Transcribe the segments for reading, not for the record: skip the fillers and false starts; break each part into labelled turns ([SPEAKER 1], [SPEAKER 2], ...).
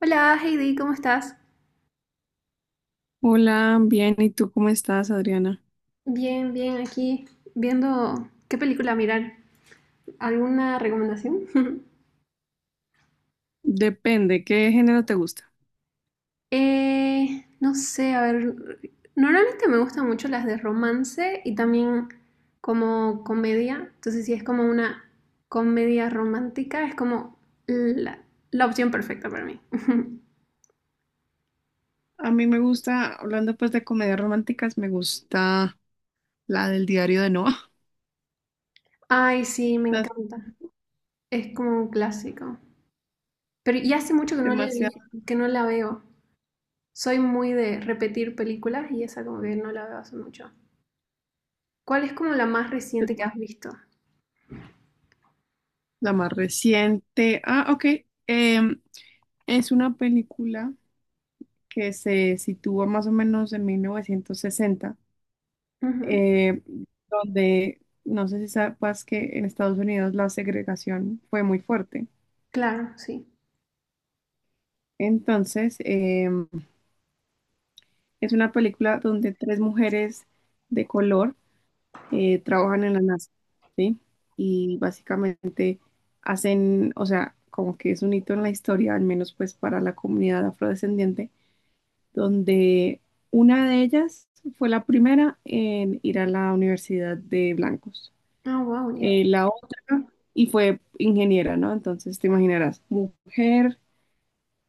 [SPEAKER 1] Hola Heidi, ¿cómo estás?
[SPEAKER 2] Hola, bien, ¿y tú cómo estás, Adriana?
[SPEAKER 1] Bien, bien, aquí viendo qué película mirar. ¿Alguna recomendación?
[SPEAKER 2] Depende, ¿qué género te gusta?
[SPEAKER 1] No sé, a ver, normalmente me gustan mucho las de romance y también como comedia, entonces si es como una comedia romántica, es como la, la opción perfecta para mí.
[SPEAKER 2] A mí me gusta, hablando pues de comedias románticas, me gusta la del diario de Noah,
[SPEAKER 1] Ay, sí, me
[SPEAKER 2] la
[SPEAKER 1] encanta. Es como un clásico. Pero ya hace mucho
[SPEAKER 2] demasiado,
[SPEAKER 1] que no la veo. Soy muy de repetir películas y esa como que no la veo hace mucho. ¿Cuál es como la más reciente que has
[SPEAKER 2] perdón,
[SPEAKER 1] visto?
[SPEAKER 2] la más reciente. Ah, ok, em, es una película que se sitúa más o menos en 1960,
[SPEAKER 1] Ujú.
[SPEAKER 2] eh, donde no sé si sabes que en Estados Unidos la segregación fue muy fuerte.
[SPEAKER 1] Claro, sí.
[SPEAKER 2] Entonces, es una película donde tres mujeres de color trabajan en la NASA, ¿sí? Y básicamente hacen, o sea, como que es un hito en la historia, al menos pues para la comunidad afrodescendiente, donde una de ellas fue la primera en ir a la universidad de blancos.
[SPEAKER 1] Ah, wow, ya.
[SPEAKER 2] La otra, y fue ingeniera, ¿no? Entonces te imaginarás, mujer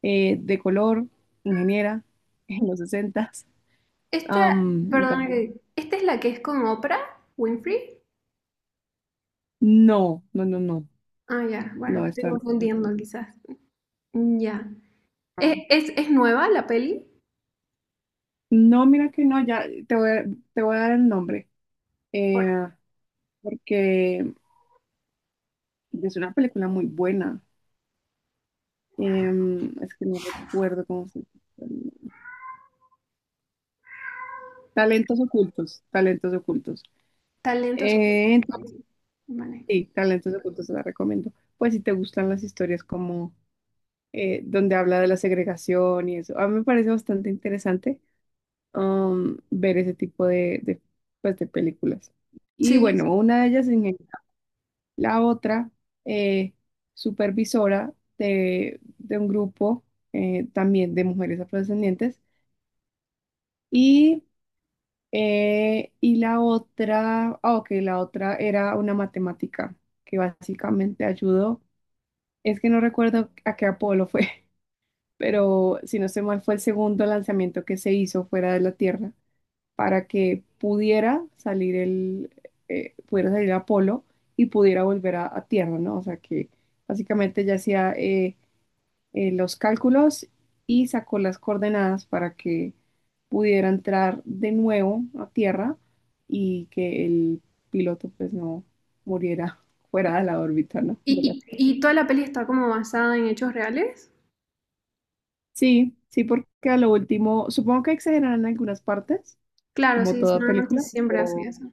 [SPEAKER 2] de color, ingeniera en los 60s.
[SPEAKER 1] Esta, perdona que, ¿esta es la que es con Oprah Winfrey?
[SPEAKER 2] No, no, no, no,
[SPEAKER 1] Ah, ya, bueno,
[SPEAKER 2] no,
[SPEAKER 1] me estoy
[SPEAKER 2] esta no es así.
[SPEAKER 1] confundiendo quizás. Ya.
[SPEAKER 2] Ah.
[SPEAKER 1] ¿Es nueva la peli?
[SPEAKER 2] No, mira que no, ya te voy a dar el nombre,
[SPEAKER 1] Por
[SPEAKER 2] eh, porque es una película muy buena. Es que no recuerdo cómo se llama. Talentos ocultos, talentos ocultos.
[SPEAKER 1] talentos ocultos. Ok.
[SPEAKER 2] Entonces,
[SPEAKER 1] Vale.
[SPEAKER 2] sí, talentos ocultos te la recomiendo. Pues si te gustan las historias como donde habla de la segregación y eso, a mí me parece bastante interesante. Ver ese tipo de, pues, de películas. Y
[SPEAKER 1] Sí.
[SPEAKER 2] bueno, una de ellas la otra, eh, supervisora de un grupo también de mujeres afrodescendientes. Y, y la otra, ah, ok, la otra era una matemática que básicamente ayudó. Es que no recuerdo a qué Apolo fue, pero si no estoy mal, fue el segundo lanzamiento que se hizo fuera de la Tierra para que pudiera salir Apolo y pudiera volver a Tierra, ¿no? O sea que básicamente ya hacía los cálculos y sacó las coordenadas para que pudiera entrar de nuevo a Tierra y que el piloto pues no muriera fuera de la órbita, ¿no? De la-
[SPEAKER 1] ¿Y toda la peli está como basada en hechos reales?
[SPEAKER 2] Sí, sí, porque a lo último, supongo que exageran en algunas partes,
[SPEAKER 1] Claro,
[SPEAKER 2] como
[SPEAKER 1] sí,
[SPEAKER 2] toda
[SPEAKER 1] normalmente
[SPEAKER 2] película.
[SPEAKER 1] siempre hacen eso.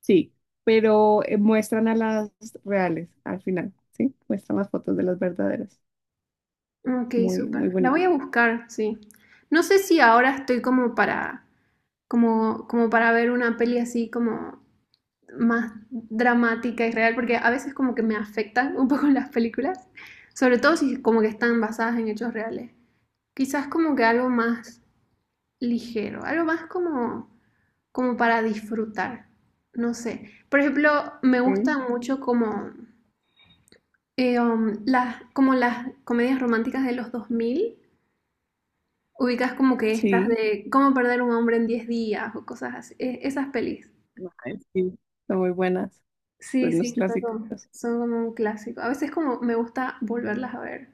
[SPEAKER 2] Sí, pero muestran a las reales al final, ¿sí? Muestran las fotos de las verdaderas.
[SPEAKER 1] Ok,
[SPEAKER 2] Muy, muy
[SPEAKER 1] súper. La
[SPEAKER 2] bonito.
[SPEAKER 1] voy a buscar, sí. No sé si ahora estoy como para, como, como para ver una peli así como más dramática y real, porque a veces como que me afectan un poco las películas, sobre todo si como que están basadas en hechos reales. Quizás como que algo más ligero, algo más como, como para disfrutar. No sé. Por ejemplo, me
[SPEAKER 2] Sí,
[SPEAKER 1] gustan mucho como, como las comedias románticas de los 2000. Ubicas como que estas
[SPEAKER 2] sí,
[SPEAKER 1] de cómo perder un hombre en 10 días o cosas así. Esas pelis.
[SPEAKER 2] ay, sí, son muy buenas,
[SPEAKER 1] Sí,
[SPEAKER 2] son los
[SPEAKER 1] sí,
[SPEAKER 2] clásicos.
[SPEAKER 1] son como un clásico. A veces como me gusta volverlas a ver.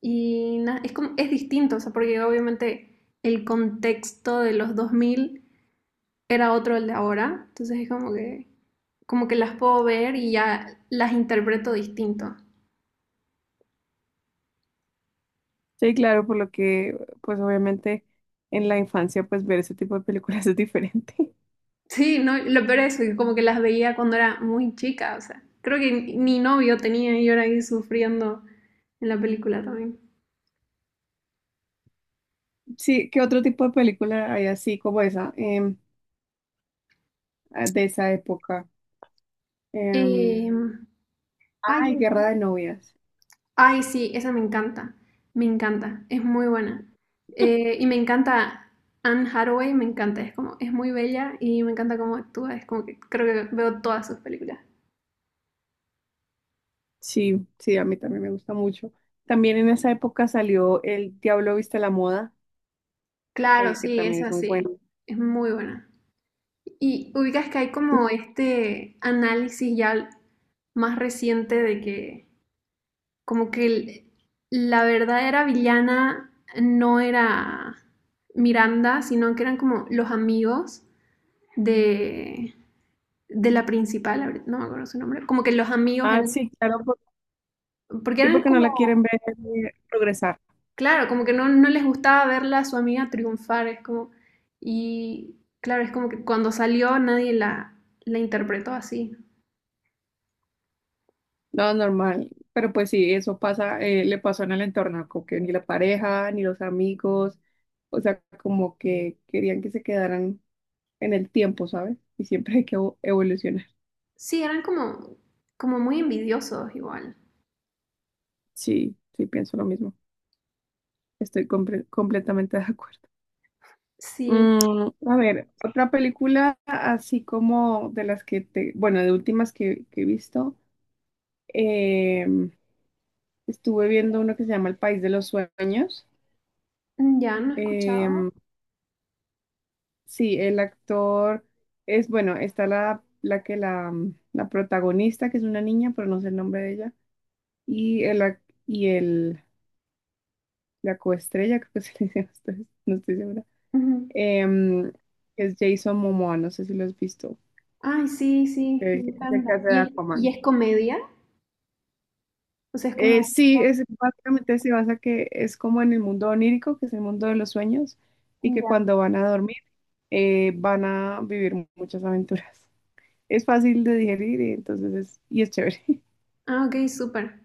[SPEAKER 1] Y es como, es distinto, o sea, porque obviamente el contexto de los 2000 era otro el de ahora. Entonces es como que las puedo ver y ya las interpreto distinto.
[SPEAKER 2] Sí, claro, por lo que, pues obviamente en la infancia, pues ver ese tipo de películas es diferente.
[SPEAKER 1] Sí, no, lo peor es que como que las veía cuando era muy chica, o sea, creo que ni novio tenía y yo era ahí sufriendo en la película también.
[SPEAKER 2] Sí, ¿qué otro tipo de película hay así como esa, ah, de esa época? Em,
[SPEAKER 1] Em, Ay,
[SPEAKER 2] Ay, Guerra de Novias.
[SPEAKER 1] ay, sí, esa me encanta, es muy buena. Y me encanta Anne Hathaway, me encanta, es como, es muy bella y me encanta cómo actúa, es como que creo que veo todas sus películas.
[SPEAKER 2] Sí, sí, a mí también me gusta mucho. También en esa época salió El Diablo Viste la Moda,
[SPEAKER 1] Claro,
[SPEAKER 2] que
[SPEAKER 1] sí,
[SPEAKER 2] también es
[SPEAKER 1] esa
[SPEAKER 2] muy
[SPEAKER 1] sí,
[SPEAKER 2] bueno.
[SPEAKER 1] es muy buena. Y ubicas que hay como este análisis ya más reciente de que como que la verdadera villana no era Miranda, sino que eran como los amigos de, de la principal, ahorita no me acuerdo su nombre, como que los amigos
[SPEAKER 2] Ah,
[SPEAKER 1] eran,
[SPEAKER 2] sí, claro,
[SPEAKER 1] porque
[SPEAKER 2] sí,
[SPEAKER 1] eran
[SPEAKER 2] porque no
[SPEAKER 1] como,
[SPEAKER 2] la quieren ver progresar.
[SPEAKER 1] claro, como que no, no les gustaba verla a su amiga triunfar, es como, y claro, es como que cuando salió nadie la, la interpretó así.
[SPEAKER 2] No, normal. Pero pues sí, eso pasa, le pasó en el entorno, como que ni la pareja, ni los amigos, o sea, como que querían que se quedaran en el tiempo, ¿sabes? Y siempre hay que evolucionar.
[SPEAKER 1] Sí, eran como, como muy envidiosos igual.
[SPEAKER 2] Sí, sí, pienso lo mismo. Estoy completamente de acuerdo.
[SPEAKER 1] Sí,
[SPEAKER 2] A ver, otra película así como de las que te, bueno, de últimas que he visto, em, estuve viendo uno que se llama El País de los Sueños.
[SPEAKER 1] mm, ya no he
[SPEAKER 2] Em,
[SPEAKER 1] escuchado.
[SPEAKER 2] sí, el actor es, bueno, está la que la protagonista, que es una niña, pero no sé el nombre de ella, y el, ac- y el, la coestrella, creo que se le dice, no estoy segura,
[SPEAKER 1] Ujú.
[SPEAKER 2] em, que es Jason Momoa, no sé si lo has visto,
[SPEAKER 1] Ay, sí, sí, me
[SPEAKER 2] el que se
[SPEAKER 1] encanta.
[SPEAKER 2] casa de
[SPEAKER 1] ¿Y
[SPEAKER 2] Aquaman.
[SPEAKER 1] es comedia? O sea, es como,
[SPEAKER 2] Sí, es, básicamente se basa que es como en el mundo onírico, que es el mundo de los sueños, y que
[SPEAKER 1] ya.
[SPEAKER 2] cuando van a dormir van a vivir muchas aventuras. Es fácil de digerir y entonces es, y es chévere.
[SPEAKER 1] Ah, ok, súper.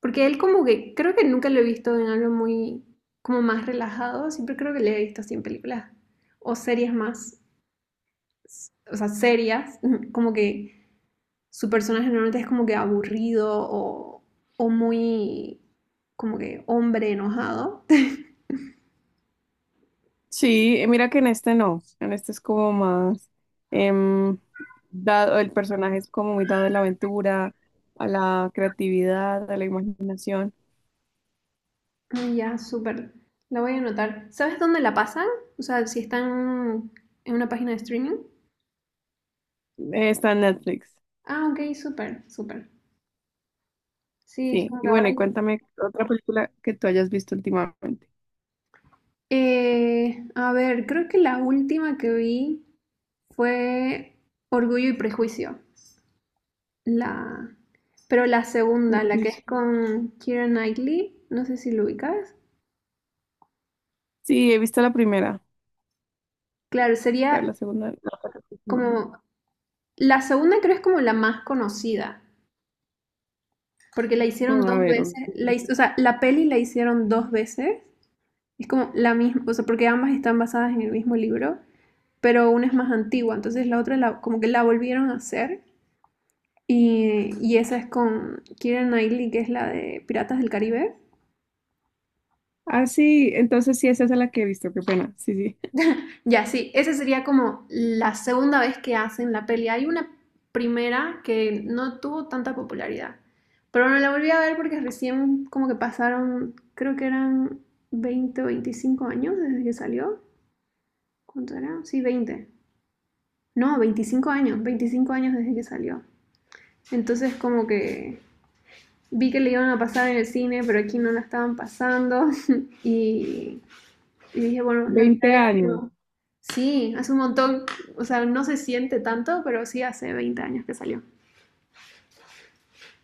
[SPEAKER 1] Porque él como que, creo que nunca lo he visto en algo muy, como más relajado, siempre creo que le he visto así en películas o series más, o sea, serias, como que su personaje normalmente es como que aburrido o muy, como que hombre enojado.
[SPEAKER 2] Sí, mira que en este no, en este es como más em, dado, el personaje es como muy dado a la aventura, a la creatividad, a la imaginación.
[SPEAKER 1] Ah, ya, súper. La voy a anotar. ¿Sabes dónde la pasan? O sea, si están en una página de streaming.
[SPEAKER 2] Está en Netflix,
[SPEAKER 1] Ah, ok, súper, súper. Sí, es
[SPEAKER 2] sí.
[SPEAKER 1] como que
[SPEAKER 2] Y
[SPEAKER 1] ahora
[SPEAKER 2] bueno, y
[SPEAKER 1] hay.
[SPEAKER 2] cuéntame otra película que tú hayas visto últimamente.
[SPEAKER 1] A ver, creo que la última que vi fue Orgullo y Prejuicio. La... Pero la segunda, la que
[SPEAKER 2] Uy.
[SPEAKER 1] es con Keira Knightley, no sé si lo ubicas.
[SPEAKER 2] Sí, he visto la primera,
[SPEAKER 1] Claro, sería
[SPEAKER 2] pero la segunda no.
[SPEAKER 1] como... La segunda creo es como la más conocida, porque la
[SPEAKER 2] No,
[SPEAKER 1] hicieron
[SPEAKER 2] a
[SPEAKER 1] dos
[SPEAKER 2] ver.
[SPEAKER 1] veces. O sea, la peli la hicieron dos veces. Es como la misma, o sea, porque ambas están basadas en el mismo libro, pero una es más antigua, entonces como que la volvieron a hacer. Y esa es con Kira Knightley, que es la de Piratas del Caribe.
[SPEAKER 2] Ah, sí, entonces sí, esa es la que he visto, qué pena. Sí, sí.
[SPEAKER 1] Ya, sí, esa sería como la segunda vez que hacen la peli. Hay una primera que no tuvo tanta popularidad, pero no la volví a ver porque recién como que pasaron, creo que eran 20 o 25 años desde que salió. ¿Cuánto era? Sí, 20 no, 25 años, 25 años desde que salió. Entonces como que vi que le iban a pasar en el cine, pero aquí no la estaban pasando y Y dije, bueno, la
[SPEAKER 2] Veinte
[SPEAKER 1] miraré de
[SPEAKER 2] años.
[SPEAKER 1] nuevo. Sí, hace un montón, o sea, no se siente tanto, pero sí hace 20 años que salió.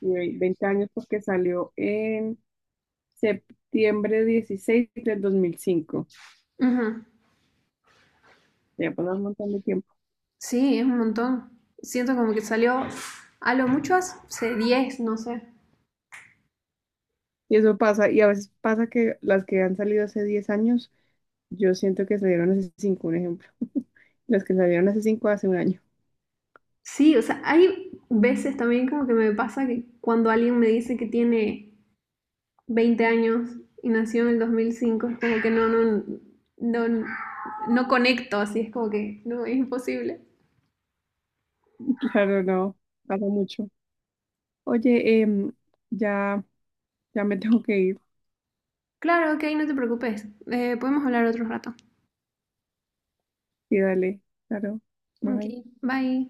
[SPEAKER 2] Y 20 años porque salió en 16 de septiembre de 2005.
[SPEAKER 1] Ujú.
[SPEAKER 2] Ya pasó un montón de tiempo.
[SPEAKER 1] Sí, es un montón. Siento como que salió a lo mucho hace 10, no sé.
[SPEAKER 2] Y eso pasa, y a veces pasa que las que han salido hace 10 años, yo siento que salieron hace 5, un ejemplo. Las que salieron hace 5 hace un año.
[SPEAKER 1] Sí, o sea, hay veces también como que me pasa que cuando alguien me dice que tiene 20 años y nació en el 2005, es como que no, no, no, no conecto, así es como que no, es imposible.
[SPEAKER 2] Claro, no, pasa mucho. Oye, ya, ya me tengo que ir.
[SPEAKER 1] Claro, ok, no te preocupes, podemos hablar otro rato.
[SPEAKER 2] Sí, dale, claro. Bye.
[SPEAKER 1] Okay, bye.